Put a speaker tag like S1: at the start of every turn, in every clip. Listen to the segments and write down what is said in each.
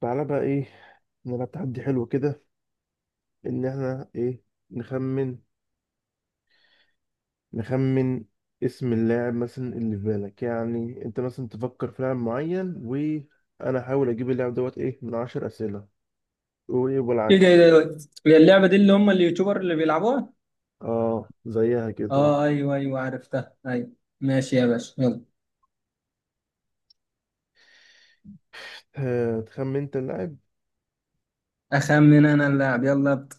S1: تعالى بقى ايه، نلعب تحدي حلو كده، ان احنا ايه، نخمن نخمن اسم اللاعب مثلا اللي في بالك، يعني انت مثلا تفكر في لاعب معين وانا احاول اجيب اللاعب دوت ايه من عشر اسئلة، وايه
S2: ايه ده ايه ده
S1: والعكس.
S2: إيه ده؟ هي اللعبة دي اللي هم اليوتيوبر اللي بيلعبوها؟
S1: اه زيها كده.
S2: اه، ايوه ايوه عرفتها. ايوه. ماشي يا باشا، يلا.
S1: تخمن انت اللاعب.
S2: اخمن انا اللاعب، يلا ابدا.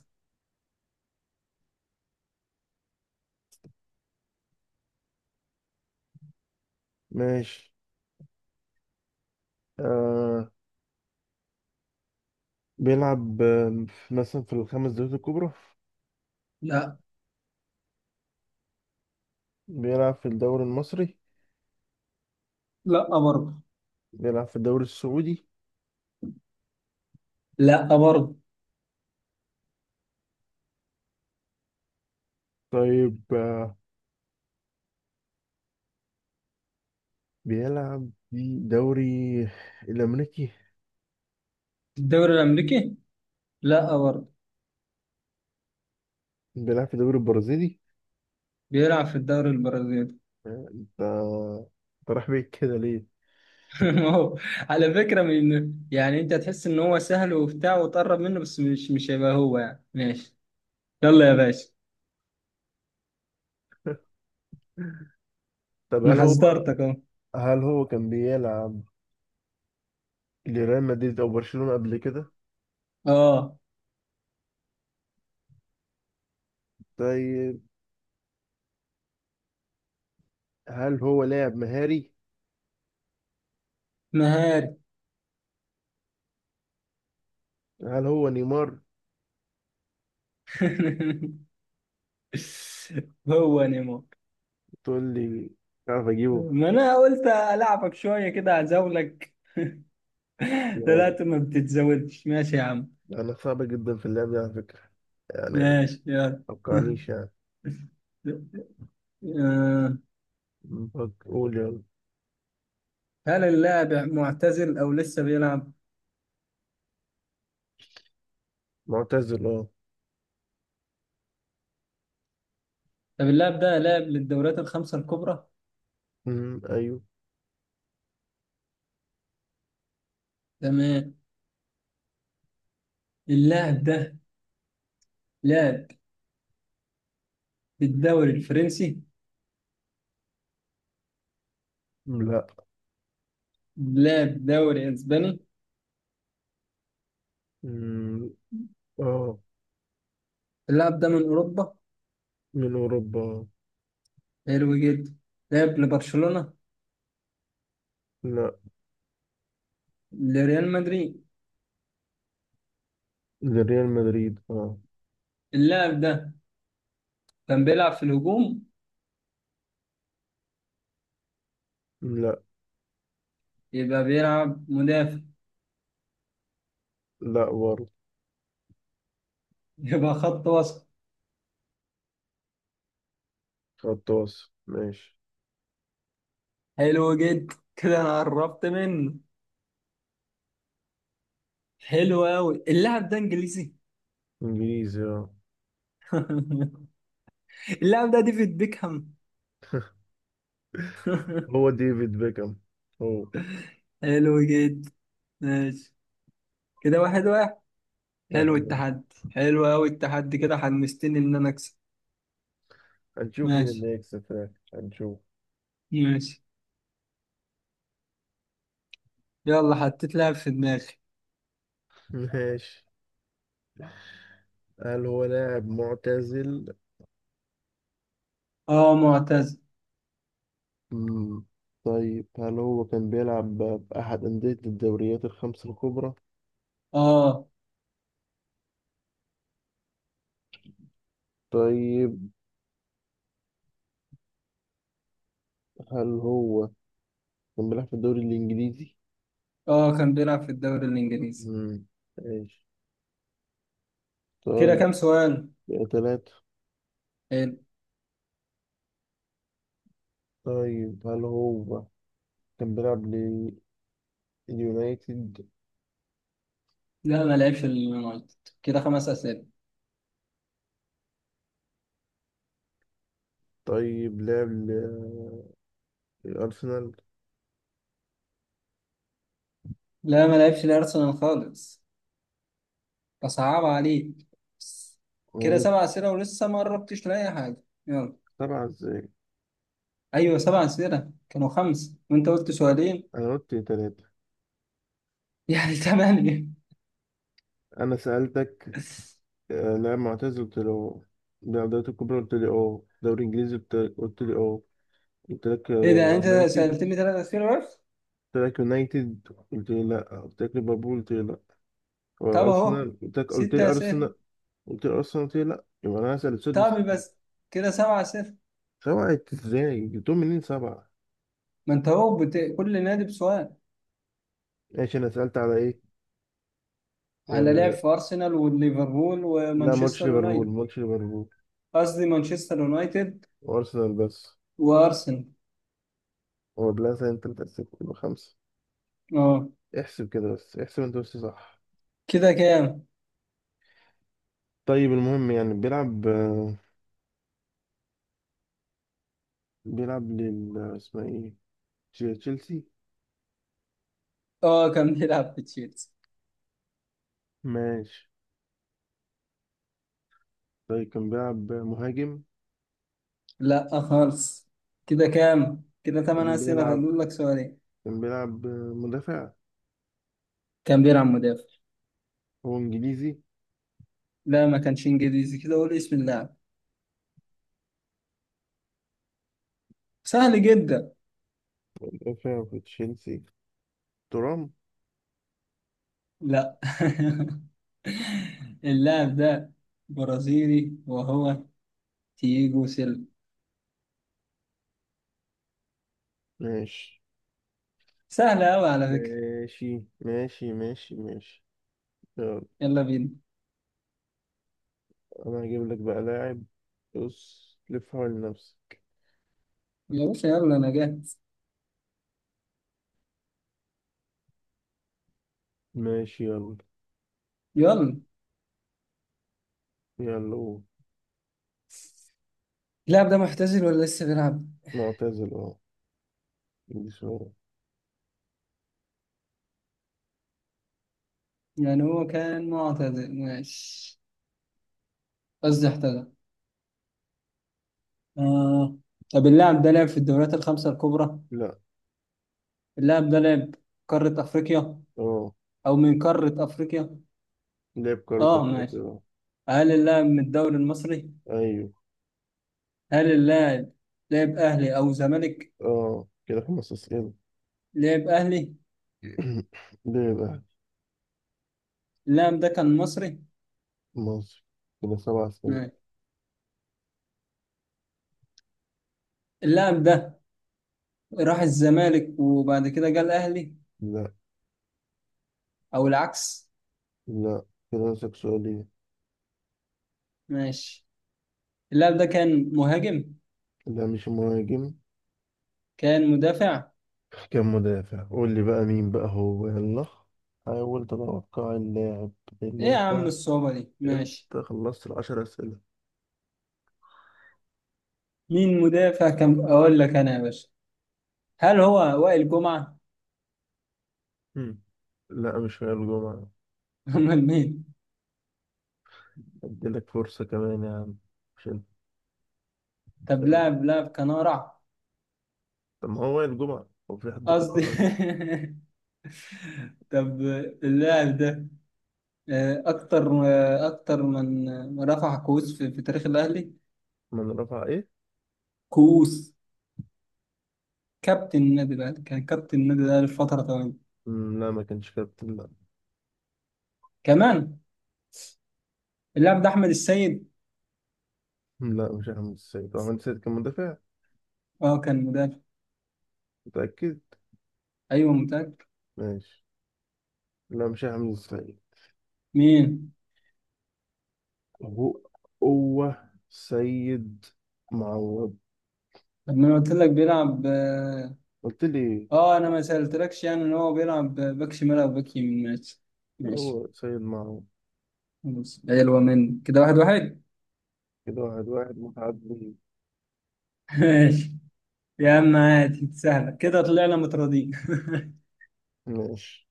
S1: ماشي. آه بيلعب مثلا في الخمس دوريات الكبرى.
S2: لا.
S1: بيلعب في الدوري المصري.
S2: لا برضه.
S1: بيلعب في الدوري السعودي.
S2: لا برضه.
S1: طيب بيلعب في الدوري الأمريكي.
S2: الدوري الامريكي؟ لا برضه.
S1: بيلعب في الدوري البرازيلي.
S2: بيلعب في الدوري البرازيلي.
S1: انت رايح بعيد كده ليه؟
S2: هو على فكرة، من يعني انت تحس ان هو سهل وبتاع وتقرب منه، بس مش هيبقى هو، يعني ماشي. يلا يا باشا.
S1: طب
S2: انا
S1: هل هو
S2: حذرتك اهو.
S1: هل هو كان بيلعب لريال مدريد أو برشلونة قبل كده؟
S2: اه،
S1: طيب، هل هو لاعب مهاري؟
S2: مهاري.
S1: هل هو نيمار؟
S2: هو نيمو.
S1: تقول لي عارف أجيبه.
S2: ما انا قلت العبك شويه كده اعزولك.
S1: لا،
S2: طلعت ما بتتزودش، ماشي يا عم.
S1: أنا صعب جدا في اللعب ده على فكرة، يعني
S2: ماشي. يلا.
S1: متوقعنيش يعني.
S2: آه،
S1: قول يلا.
S2: هل اللاعب معتزل او لسه بيلعب؟
S1: معتزل اه.
S2: طب اللاعب ده لاعب للدوريات الخمسه الكبرى.
S1: أمم، أيوه.
S2: تمام. اللاعب ده لاعب للدوري الفرنسي.
S1: أمم، لا.
S2: لاعب دوري اسباني.
S1: أمم، اه.
S2: اللاعب ده من اوروبا.
S1: من أوروبا.
S2: حلو جدا. لاعب لبرشلونه.
S1: لا.
S2: لريال مدريد.
S1: لريال مدريد اه.
S2: اللاعب ده كان بيلعب في الهجوم.
S1: لا.
S2: يبقى بيلعب مدافع.
S1: لا برضه.
S2: يبقى خط وسط.
S1: غطاس. ماشي.
S2: حلو جدا، كده انا قربت منه. حلو قوي. اللاعب ده انجليزي.
S1: انجليزي اه.
S2: اللاعب ده ديفيد بيكهام.
S1: هو ديفيد بيكهام. هو
S2: حلو جدا. ماشي. كده واحد واحد. حلو
S1: واحد واحد.
S2: التحدي. حلو قوي التحدي، كده حمستني ان انا اكسب.
S1: هنشوف مين
S2: ماشي.
S1: اللي هيكسب في الآخر، هنشوف.
S2: ماشي. يلا، حطيت لاعب في دماغي.
S1: ماشي. هل هو لاعب معتزل؟
S2: اه، معتز.
S1: مم. طيب، هل هو كان بيلعب بأحد أندية الدوريات الخمس الكبرى؟
S2: اه.
S1: طيب، هل هو كان بيلعب في الدوري الإنجليزي؟
S2: اه، كان بيلعب في الدوري الانجليزي.
S1: مم. ماشي.
S2: كده
S1: طيب.
S2: كام سؤال؟
S1: ثلاثة.
S2: حلو.
S1: طيب، هل هو كان بيلعب اليونايتد.
S2: لا، ما لعبش اليونايتد. كده خمس اسئله.
S1: طيب لعب الأرسنال.
S2: لا، ما لعبش الارسنال خالص. أصعب عليك. كده سبع
S1: ماشي.
S2: أسئلة ولسه ما قربتش لأي حاجة. يلا.
S1: سبعة ازاي؟
S2: أيوة، سبع أسئلة. كانوا خمس وأنت قلت سؤالين،
S1: أنا قلت تلاتة.
S2: يعني تمانية.
S1: أنا سألتك لاعب معتزل، قلت لي اه. لاعب دوري الكبرى قلت لي اه. دوري إنجليزي قلت لي اه. قلت لك
S2: إيه ده؟ أنت
S1: يونايتد.
S2: سألتني ثلاث أسئلة بس.
S1: قلت لك يونايتد، قلت لي لأ. قلت لك ليفربول، قلت لي لأ.
S2: طب أهو
S1: أرسنال قلت لك، قلت
S2: ست
S1: لي
S2: أسئلة.
S1: أرسنال. قلت لي أرسنال، قلت لي لأ، يبقى أنا هسأل السادس.
S2: طب بس، كده سبع أسئلة.
S1: سبعة ازاي؟ جبتهم منين سبعة؟
S2: ما أنت أهو كل نادي بسؤال.
S1: ماشي. أنا سألت على إيه؟
S2: على لعب
S1: آه،
S2: في أرسنال وليفربول
S1: لا، ما قلتش
S2: ومانشستر
S1: ليفربول،
S2: يونايتد.
S1: ما قلتش ليفربول
S2: قصدي مانشستر يونايتد
S1: وارسنال بس.
S2: وأرسنال.
S1: هو بلازا انت متأسف، يبقى خمسة.
S2: أه.
S1: احسب كده بس، احسب انت بس صح.
S2: كده كام؟
S1: طيب المهم، يعني بيلعب بيلعب لل اسمها ايه، تشيلسي.
S2: أه، كان بيلعب في تشيلسي.
S1: ماشي. طيب، كان بيلعب مهاجم.
S2: لا خالص. كده كام؟ كده ثمان
S1: كان
S2: أسئلة،
S1: بيلعب
S2: فاضل لك سؤالين.
S1: كان بيلعب مدافع.
S2: كان بيلعب مدافع.
S1: هو انجليزي.
S2: لا، ما كانش إنجليزي، كده قول اسم اللاعب. سهل جدا.
S1: مدافع في تشيلسي، ترام.
S2: لا. اللاعب ده برازيلي وهو تييجو سيلفا.
S1: ماشي
S2: سهل أوي على فكرة.
S1: ماشي ماشي ماشي. ماشي يلا.
S2: يلا بينا.
S1: انا هجيب لك بقى لاعب، بص لف حوالين نفسك.
S2: يا باشا، يلا أنا جاهز.
S1: ماشي يلا.
S2: يلا.
S1: يلا. هو
S2: اللاعب ده معتزل ولا لسه بيلعب؟
S1: معتزل اه. بسم-
S2: يعني هو كان معتزل، ماشي. قصدي اعتزل. آه. طب اللاعب ده لعب في الدوريات الخمسة الكبرى.
S1: لا.
S2: اللاعب ده لعب قارة أفريقيا،
S1: اه
S2: أو من قارة أفريقيا؟
S1: لعب كرة
S2: آه،
S1: أفريقيا
S2: ماشي.
S1: اه.
S2: هل اللاعب من الدوري المصري؟
S1: أيوه.
S2: هل اللاعب لعب أهلي أو زمالك؟
S1: اه، كده خمس أسئلة.
S2: لعب أهلي؟
S1: لعب أهلي.
S2: اللاعب ده كان مصري؟
S1: مصر. كده سبع أسئلة.
S2: ماشي. اللاعب ده راح الزمالك وبعد كده جه الأهلي،
S1: لا.
S2: أو العكس؟
S1: لا. كده ناقصك سؤالين.
S2: ماشي. اللاعب ده كان مهاجم؟
S1: لا، مش مهاجم.
S2: كان مدافع؟
S1: كان مدافع. قول لي بقى مين بقى هو، يلا، حاول تتوقع اللاعب، لأن
S2: إيه يا عم
S1: أنت،
S2: الصعوبة دي؟
S1: أنت
S2: ماشي.
S1: خلصت العشر أسئلة.
S2: مين مدافع كان أقول لك أنا يا باشا؟ هل هو وائل جمعة؟
S1: مم. لا، مش هي الجمعة.
S2: أمال مين؟
S1: أديلك فرصة كمان يا عم، مش أنت.
S2: طب لاعب كان أقرع؟
S1: طب ما هو وائل الجمعة، هو في حد كان
S2: قصدي.
S1: أقرب له؟
S2: طب اللاعب ده، اكتر من رفع كؤوس في تاريخ الاهلي.
S1: من رفع ايه؟
S2: كؤوس. كابتن النادي الاهلي، كان كابتن النادي الاهلي في فتره طويله.
S1: مم، لا، ما كانش كابتن لا.
S2: كمان. اللاعب ده احمد السيد.
S1: مم، لا، مش احمد السيد، هو احمد السيد كان مدافع.
S2: اه، كان مدافع.
S1: متأكد.
S2: ايوه متاكد.
S1: ماشي. لا مش احمد السيد.
S2: مين؟
S1: هو، هو سيد معوض.
S2: طب ما انا قلت لك بيلعب، اه.
S1: قلت لي.
S2: انا ما سالتلكش يعني ان هو بيلعب باك شمال او باك يمين، ماشي. ماشي.
S1: هو سيد معوض.
S2: خلاص، حلوه مني. كده واحد واحد.
S1: كده واحد واحد متعدي.
S2: ماشي يا عم، عادي سهله، كده طلعنا متراضيين.
S1: ماشي.